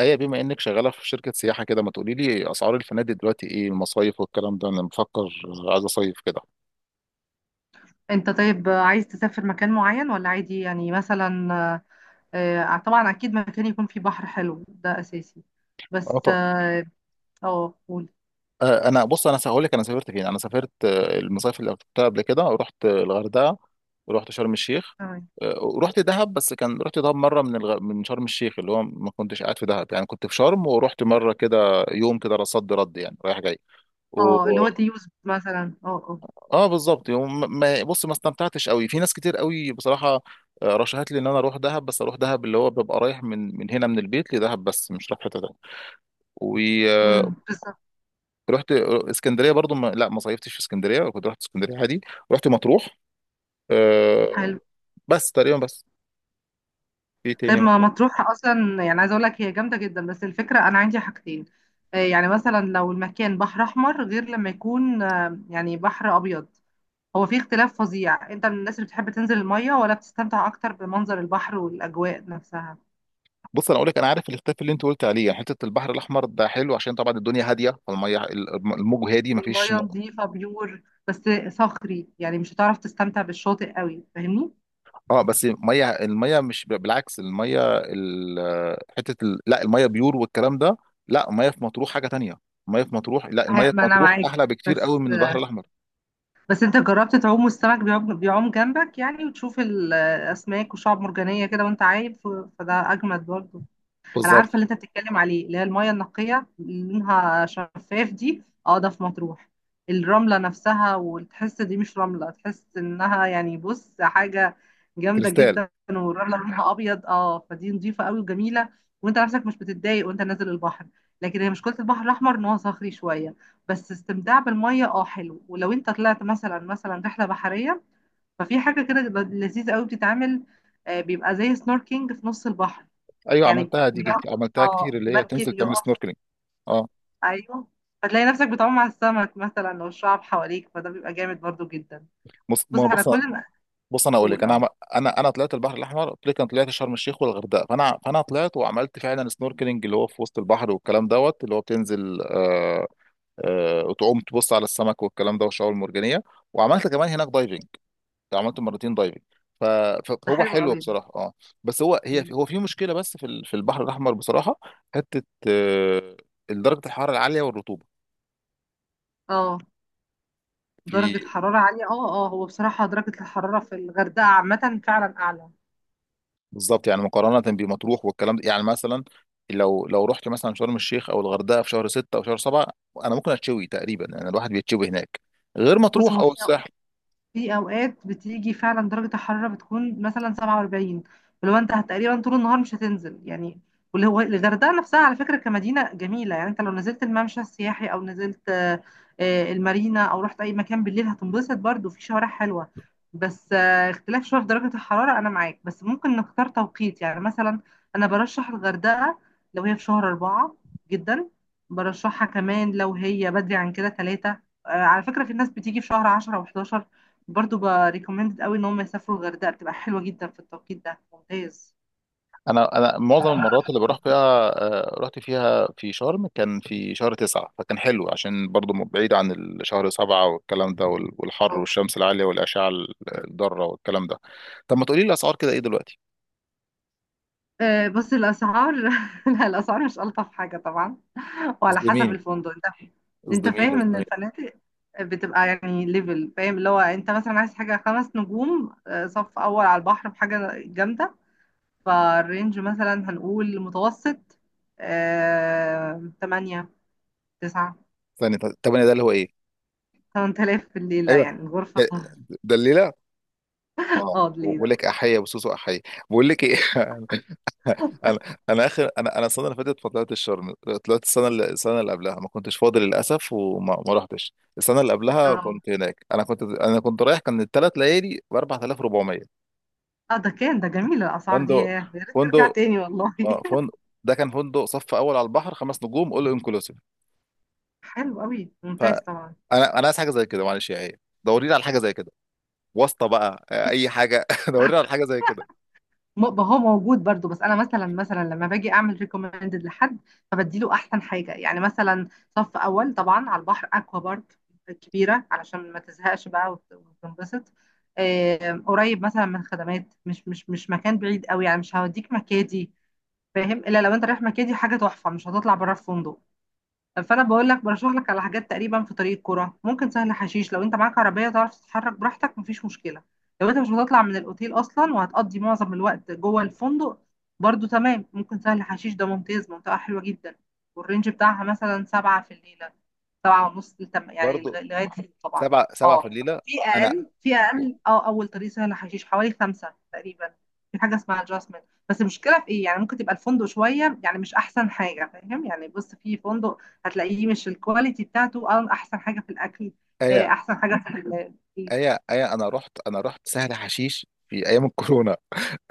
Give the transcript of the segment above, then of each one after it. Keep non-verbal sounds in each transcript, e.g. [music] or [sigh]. ايه، بما انك شغاله في شركه سياحه كده، ما تقولي لي اسعار الفنادق دلوقتي؟ ايه المصايف والكلام ده؟ انا بفكر عايز اصيف كده. انت طيب، عايز تسافر مكان معين ولا عادي؟ يعني مثلا طبعا اكيد مكان يكون فيه بحر حلو، ده اساسي. اه، بس طب. اه، قول. انا هقول لك انا سافرت فين. انا سافرت آه، المصايف اللي رحتها قبل كده، رحت الغردقه ورحت شرم الشيخ. تمام. ورحت دهب، بس كان رحت دهب مره من شرم الشيخ، اللي هو ما كنتش قاعد في دهب يعني، كنت في شرم ورحت مره كده يوم كده صد رد يعني، رايح جاي. اه اللي هو ديوز مثلا، اه اه. اه بالظبط، يوم ما بص، ما استمتعتش قوي، في ناس كتير قوي بصراحه. رشحت لي ان انا اروح دهب، بس اروح دهب اللي هو ببقى رايح من هنا من البيت لدهب، بس مش رايح حته تانيه. ورحت بالظبط. اسكندريه برضو، ما صيفتش في اسكندريه، كنت رحت اسكندريه عادي. رحت مطروح. آه، حلو. بس تقريبا بس. في تاني طيب ما ممكن. مطروح اصلا يعني، عايزه اقول لك هي جامده جدا. بس الفكره انا عندي حاجتين. يعني مثلا لو المكان بحر احمر، غير لما يكون يعني بحر ابيض. هو في اختلاف فظيع. انت من الناس اللي بتحب تنزل الميه ولا بتستمتع اكتر بمنظر البحر والاجواء نفسها؟ بص انا اقول لك، انا عارف الاختلاف اللي انت قلت عليه. يعني حته البحر الاحمر ده حلو عشان طبعا الدنيا هاديه، فالميه الموج هادي، ما فيش. والمية نظيفة بيور، بس صخري يعني، مش هتعرف تستمتع بالشاطئ قوي، فاهمني؟ اه بس، الميه مش بالعكس، الميه ال- حته ال... لا الميه بيور والكلام ده. لا، الميه في مطروح حاجه تانية. الميه في مطروح، لا، الميه في ما انا مطروح معاك، احلى بكتير قوي بس من البحر الاحمر. بس انت جربت تعوم والسمك بيعوم جنبك يعني، وتشوف الاسماك وشعب مرجانية كده وانت عايم فده اجمد برضه. انا عارفه بالظبط. اللي انت بتتكلم عليه، اللي هي المايه النقيه اللي لونها شفاف دي، اه ده في مطروح. الرمله نفسها وتحس دي مش رمله، تحس انها يعني، بص، حاجه جامده كريستال. جدا، والرمله لونها ابيض، اه فدي نظيفه قوي وجميله. وانت نفسك مش بتتضايق وانت نازل البحر. لكن هي مشكله البحر الاحمر ان هو صخري شويه. بس استمتاع بالميه اه حلو، ولو انت طلعت مثلا رحله بحريه، ففي حاجه كده لذيذه قوي بتتعمل. بيبقى زي سنوركينج في نص البحر، ايوه يعني عملتها دي، بيقف، عملتها اه كتير، اللي هي المركب تنزل تعمل يقف، سنوركلينج. اه. ايوه. فتلاقي نفسك بتعوم على السمك مثلا والشعب حواليك، فده بيبقى جامد برضو جدا. بص بص ما على بص كل ما بص انا اقول لك، تقول اه. انا انا طلعت البحر الاحمر، قلت لك انا طلعت شرم الشيخ والغردقه، فانا طلعت وعملت فعلا سنوركلينج، اللي هو في وسط البحر والكلام دوت، اللي هو بتنزل وتقوم تبص على السمك والكلام ده والشعاب المرجانيه. وعملت كمان هناك دايفنج، عملت مرتين دايفنج. ف- ده فهو حلو حلو قوي ده. بصراحه، اه. بس هو هي مم. هو في مشكله بس في البحر الاحمر بصراحه. حته آه، درجه الحراره العاليه والرطوبه اه درجة في. حرارة عالية، اه اه، هو بصراحة درجة الحرارة في الغردقة عامة فعلا أعلى. بالظبط يعني، مقارنه بمطروح والكلام ده. يعني مثلا لو رحت مثلا شرم الشيخ او الغردقه في شهر 6 او شهر 7، انا ممكن اتشوي تقريبا، يعني الواحد بيتشوي هناك، غير بص، مطروح هو او في الساحل. في اوقات بتيجي فعلا درجه الحراره بتكون مثلا 47، فلو انت تقريبا طول النهار مش هتنزل يعني. واللي هو الغردقه نفسها على فكره كمدينه جميله، يعني انت لو نزلت الممشى السياحي او نزلت المارينا او رحت اي مكان بالليل هتنبسط برضو، في شوارع حلوه. بس اختلاف شويه في درجه الحراره، انا معاك، بس ممكن نختار توقيت. يعني مثلا انا برشح الغردقه لو هي في شهر أربعة جدا. برشحها كمان لو هي بدري عن كده، ثلاثة. على فكرة في ناس بتيجي في شهر 10 و11، برضو بريكومندد قوي ان هم يسافروا. الغردقه بتبقى حلوه جدا في التوقيت ده، ممتاز. انا معظم المرات اللي بروح فيها، رحت فيها في شرم كان في شهر 9، فكان حلو عشان برضو، بعيد عن الشهر 7 والكلام ده، والحر اه والشمس العالية والأشعة الضارة والكلام ده. طب ما تقولي لي الأسعار كده ايه دلوقتي؟ بس الاسعار [laughs] لا الاسعار مش الطف حاجه طبعا، وعلى حسب اصدميني، الفندق انت. انت اصدميني، فاهم ان اصدميني. الفنادق بتبقى يعني ليفل، فاهم؟ اللي هو انت مثلا عايز حاجه خمس نجوم، صف اول على البحر، بحاجه جامده، فالرينج مثلا هنقول متوسط 8، 9، ثانية، طب أنا ده اللي هو ايه؟ 8,000 في الليله ايوه. يعني الغرفه. ده [laughs] ده الليلة. اه اه بقول الليله. لك أحية وسوسو أحية. بقول لك ايه. [laughs] انا انا اخر انا انا السنه اللي فاتت ما طلعتش شرم. طلعت السنه اللي، السنه اللي قبلها ما كنتش فاضي للاسف، وما ما رحتش. السنه اللي قبلها كنت هناك، انا كنت رايح، كان الثلاث ليالي ب 4400. اه ده كان ده جميل الاسعار دي، فندق ياه، يا ريت ترجع فندق تاني والله. اه [laughs] فندق ده كان فندق صف اول على البحر 5 نجوم اول انكلوسيف. حلو قوي، ممتاز فانا طبعا. انا عايز حاجه زي كده، معلش يا ايه دورينا على حاجه زي كده. واسطه بقى، بس اي حاجه. [laughs] دورينا على حاجه زي كده. هو موجود برضو، بس انا مثلا لما باجي اعمل ريكومندد لحد، فبدي له احسن حاجه. يعني مثلا صف اول طبعا على البحر، اكوا بارك كبيره علشان ما تزهقش بقى وتنبسط، قريب مثلا من الخدمات، مش مكان بعيد قوي، يعني مش هوديك مكادي، فاهم؟ الا لو انت رايح مكادي حاجه تحفه، مش هتطلع بره الفندق. فانا بقول لك برشح لك على حاجات تقريبا في طريق الكرة، ممكن سهل حشيش لو انت معاك عربيه تعرف تتحرك براحتك، مفيش مشكله. لو انت مش هتطلع من الاوتيل اصلا وهتقضي معظم الوقت جوه الفندق، برضو تمام، ممكن سهل حشيش ده ممتاز، منطقه حلوه جدا. والرينج بتاعها مثلا سبعة في الليله، سبعة ونص، يعني برضو. لغاية ست طبعا. سبعة في اه الليله. في انا، أقل، اه أول طريق سهل حشيش حوالي خمسة تقريبا. في حاجة اسمها adjustment. بس المشكلة في إيه؟ يعني ممكن تبقى الفندق شوية يعني، مش أحسن حاجة، فاهم؟ يعني بص، في فندق هتلاقيه مش الكواليتي بتاعته أحسن حاجة في الأكل، ايه. أحسن حاجة في [laughs] ايا ايا انا رحت، انا رحت سهل حشيش في ايام الكورونا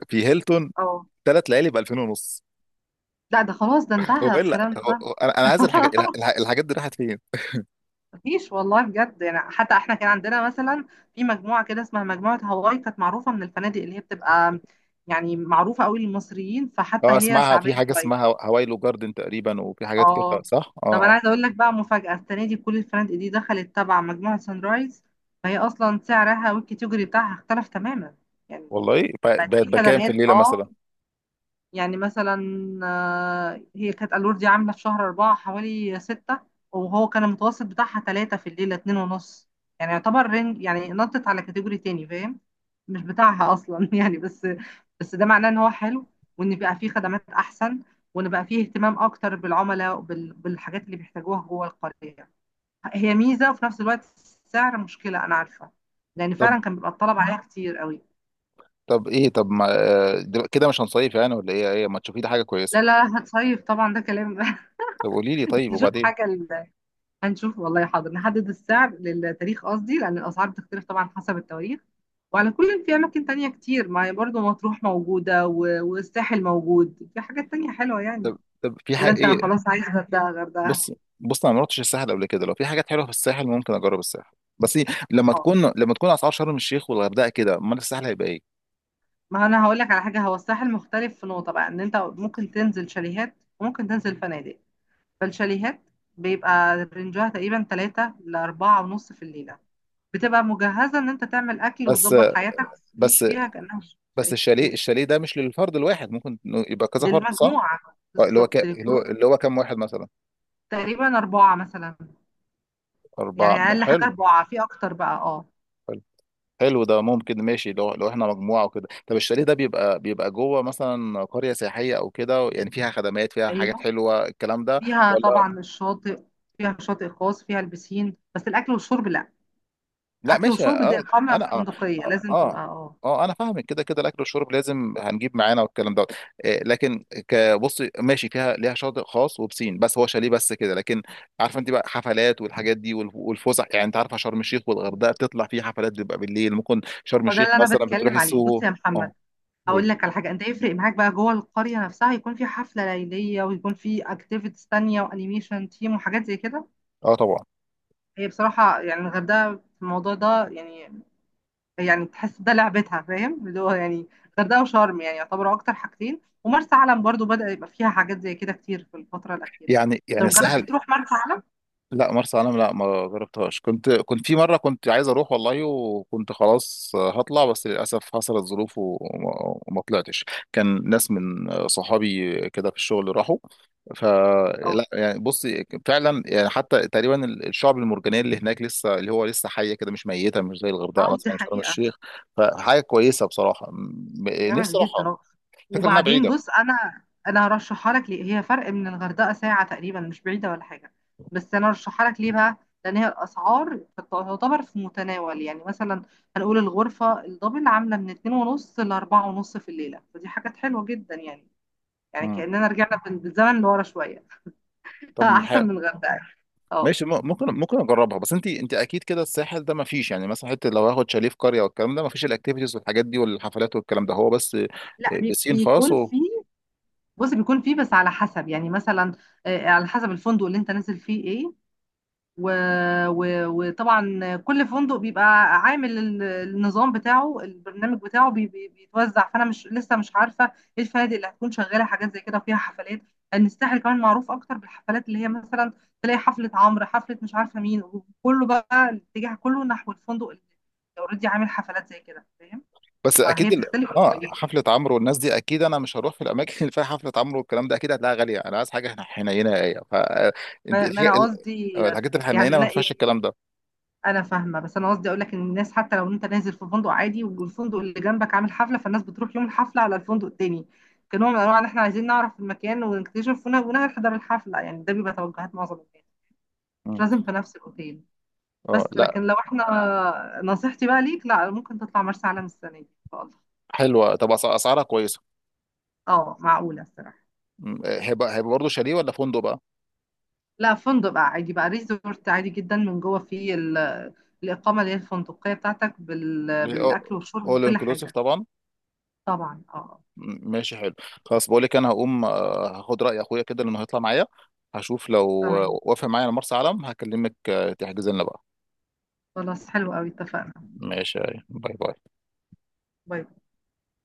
في هيلتون، اه 3 ليالي ب 2000 ونص. لا ده خلاص، ده هو انتهى الا الكلام هو ده. هو- انا أنا عايز الحاجات، [laughs] الحاجات دي راحت فين؟ مفيش والله بجد يعني. حتى احنا كان عندنا مثلا في مجموعه كده اسمها مجموعه هواي، كانت معروفه من الفنادق، اللي هي بتبقى يعني معروفه قوي للمصريين، فحتى اه هي اسمعها، شعبيه في حاجه شويه. اسمها هوايلو جاردن تقريبا، وفي حاجات كده اه صح؟ اه. طب انا آه. عايزه اقول لك بقى مفاجاه السنه دي، كل الفنادق دي دخلت تبع مجموعه سان رايز، فهي اصلا سعرها والكاتيجوري بتاعها اختلف تماما. يعني والله، بقت بقت في بكام في خدمات الليله اه، مثلا؟ يعني مثلا هي كانت الور دي عامله في شهر أربعة حوالي ستة، وهو كان المتوسط بتاعها تلاتة في الليله، اتنين ونص. يعني يعتبر رينج، يعني نطت على كاتيجوري تاني، فاهم؟ مش بتاعها اصلا [laughs] يعني. بس بس ده معناه ان هو حلو، وان بقى فيه خدمات احسن، وان بقى فيه اهتمام اكتر بالعملاء بالحاجات اللي بيحتاجوها جوه القريه. هي ميزه، وفي نفس الوقت السعر مشكله، انا عارفه، لان طب فعلا كان بيبقى الطلب عليها كتير قوي. طب ما كده مش هنصيف يعني ولا ايه؟ ايه ما تشوفي لي حاجه كويسه. لا، هتصيف طبعا، ده كلام. [laughs] طب قولي لي، طيب، نشوف وبعدين. حاجه، هنشوف والله، حاضر. نحدد السعر للتاريخ قصدي، لأن الأسعار بتختلف طبعا حسب التواريخ. وعلى كل في أماكن تانية كتير، ما هي برضه مطروح موجودة والساحل موجود، في حاجات تانية حلوة يعني. طب في ولا حاجه أنت ايه؟ خلاص عايز غردقة غردقة؟ بص بص انا ما رحتش الساحل قبل كده، لو في حاجات حلوه في الساحل ممكن اجرب الساحل. بس لما اه، تكون لما تكون اسعار شرم الشيخ والغردقه كده، امال الساحل هيبقى ايه؟ ما أنا هقول لك على حاجة. هو الساحل مختلف في نقطة بقى، إن أنت ممكن تنزل شاليهات وممكن تنزل فنادق. فالشاليهات بيبقى رينجها تقريبا تلاتة لأربعة ونص في الليلة، بتبقى مجهزة إن أنت تعمل أكل بس وتظبط حياتك، ليش بس فيها كأنها بس شقة الشاليه، الشاليه ده مش للفرد الواحد، ممكن إنه يبقى كذا فرد، صح؟ للمجموعة، آه، اللي هو ك... بالظبط اللي هو للجروب. اللي هو كام واحد مثلا؟ تقريبا أربعة مثلا، يعني اربعه، أقل حاجة حلو أربعة في أكتر بقى، اه. حلو. حلو، ده ممكن ماشي لو، احنا مجموعه وكده. طب الشاليه ده بيبقى، بيبقى جوه مثلا قريه سياحيه او كده، يعني فيها خدمات فيها أيوه، حاجات حلوه الكلام ده. فيها طبعا الشاطئ، فيها شاطئ خاص، فيها البسين، بس الأكل والشرب لأ. لا أكل ماشي، وشرب دي اه. إقامة انا اه فندقية اه لازم تبقى، اه اه. آه، انا فاهمك، كده كده الاكل والشرب لازم هنجيب معانا والكلام دوت. لكن كبص ماشي، فيها ليها شاطئ خاص وبسين، بس هو شاليه بس كده. لكن عارفه انت بقى، حفلات والحاجات دي والفسح. يعني انت عارفه شرم الشيخ والغردقه بتطلع فيه حفلات بتبقى بالليل، ممكن شرم هو ده الشيخ اللي أنا مثلا بتروحي بتكلم عليه، بص السوهو. يا محمد. اه، أقول قولي. لك على حاجة، أنت يفرق معاك بقى جوه القرية نفسها يكون في حفلة ليلية، ويكون في أكتيفيتيز تانية، وأنيميشن تيم وحاجات زي كده. اه، طبعا. هي بصراحة يعني الغردقة في الموضوع ده يعني، يعني تحس ده لعبتها، فاهم؟ اللي هو يعني الغردقه وشرم يعني يعتبروا اكتر حاجتين، ومرسى علم برضو بدأ يبقى فيها حاجات زي كده كتير في الفتره الاخيره. يعني طب جربت الساحل. تروح مرسى علم؟ لا مرسى علم، لا ما جربتهاش. كنت، كنت في مره كنت عايز اروح والله، وكنت خلاص هطلع بس للاسف حصلت ظروف وما، وما طلعتش. كان ناس من صحابي كده في الشغل راحوا، اه فلا يعني، بص، فعلا يعني حتى تقريبا الشعب المرجانيه اللي هناك لسه، اللي هو لسه حيه كده، مش ميته، مش زي الغردقه اه دي مثلا، مش شرم حقيقه. الشيخ. فحاجه كويسه بصراحه، جامد نفسي جدا، اروحها. اه. الفكره انها وبعدين بعيده. بص، انا هرشحها لك ليه؟ هي فرق من الغردقه ساعه تقريبا، مش بعيده ولا حاجه. بس انا هرشحها لك ليه بقى؟ لان هي الاسعار تعتبر في متناول، يعني مثلا هنقول الغرفه الدبل عامله من اتنين ونص لاربعة ونص في الليله، فدي حاجات حلوه جدا يعني. يعني مم. كأننا رجعنا بالزمن لورا شوية. [laughs] طب أحسن من الغردقة. اه ماشي، ممكن اجربها. بس انت، انت اكيد كده الساحل ده ما فيش، يعني مثلا حته لو هاخد شاليه في قريه والكلام ده، ما فيش الاكتيفيتيز والحاجات دي والحفلات والكلام ده. هو بس لا بسين خاص بيكون و... فيه، بص بيكون فيه، بس على حسب يعني مثلا، على حسب الفندق اللي انت نازل فيه ايه. و... وطبعا كل فندق بيبقى عامل النظام بتاعه، البرنامج بتاعه بيتوزع، فانا مش عارفه ايه الفنادق اللي هتكون شغاله حاجات زي كده وفيها حفلات، لان الساحل كمان معروف اكتر بالحفلات، اللي هي مثلا تلاقي حفله عمرو، حفله مش عارفه مين، وكله بقى الاتجاه كله نحو الفندق اللي اوريدي عامل حفلات زي كده، فاهم؟ بس اكيد فهي ال... بتختلف. اه حفله عمرو والناس دي اكيد انا مش هروح في الاماكن اللي فيها حفله عمرو والكلام ده، اكيد هتلاقيها غاليه. انا عايز حاجه، حنينه، ايه ف انت- ما الحاجة- ما انا ال- قصدي الحاجات يعني، الحنينه ما فيهاش الكلام ده. انا فاهمه، بس انا قصدي اقول لك ان الناس حتى لو انت نازل في فندق عادي والفندق اللي جنبك عامل حفله، فالناس بتروح يوم الحفله على الفندق التاني، كنوع من انواع ان احنا عايزين نعرف المكان ونكتشف ونحضر الحفله، يعني ده بيبقى توجهات معظم الناس، مش مم. لازم في نفس الاوتيل. اه، بس لا. لكن لو احنا، نصيحتي بقى ليك، لا ممكن تطلع مرسى علم السنه دي ان شاء الله. حلوه، طب اسعارها كويسه. اه معقوله الصراحه. هيبقى، هيبقى برضه شاليه ولا فندق بقى؟ لا فندق بقى عادي، بقى ريزورت عادي جدا، من جوه فيه الاقامه اللي هي الفندقيه بتاعتك بالاكل والشرب اول بكل انكلوسيف حاجه. طبعا. طبعا اه. ماشي حلو. خلاص، بقول لك انا هقوم هاخد راي اخويا كده لانه هيطلع معايا. هشوف لو تمام، وافق معايا على مرسى علم هكلمك، تحجز لنا بقى. خلاص حلو قوي، اتفقنا. ماشي. باي باي. باي باي.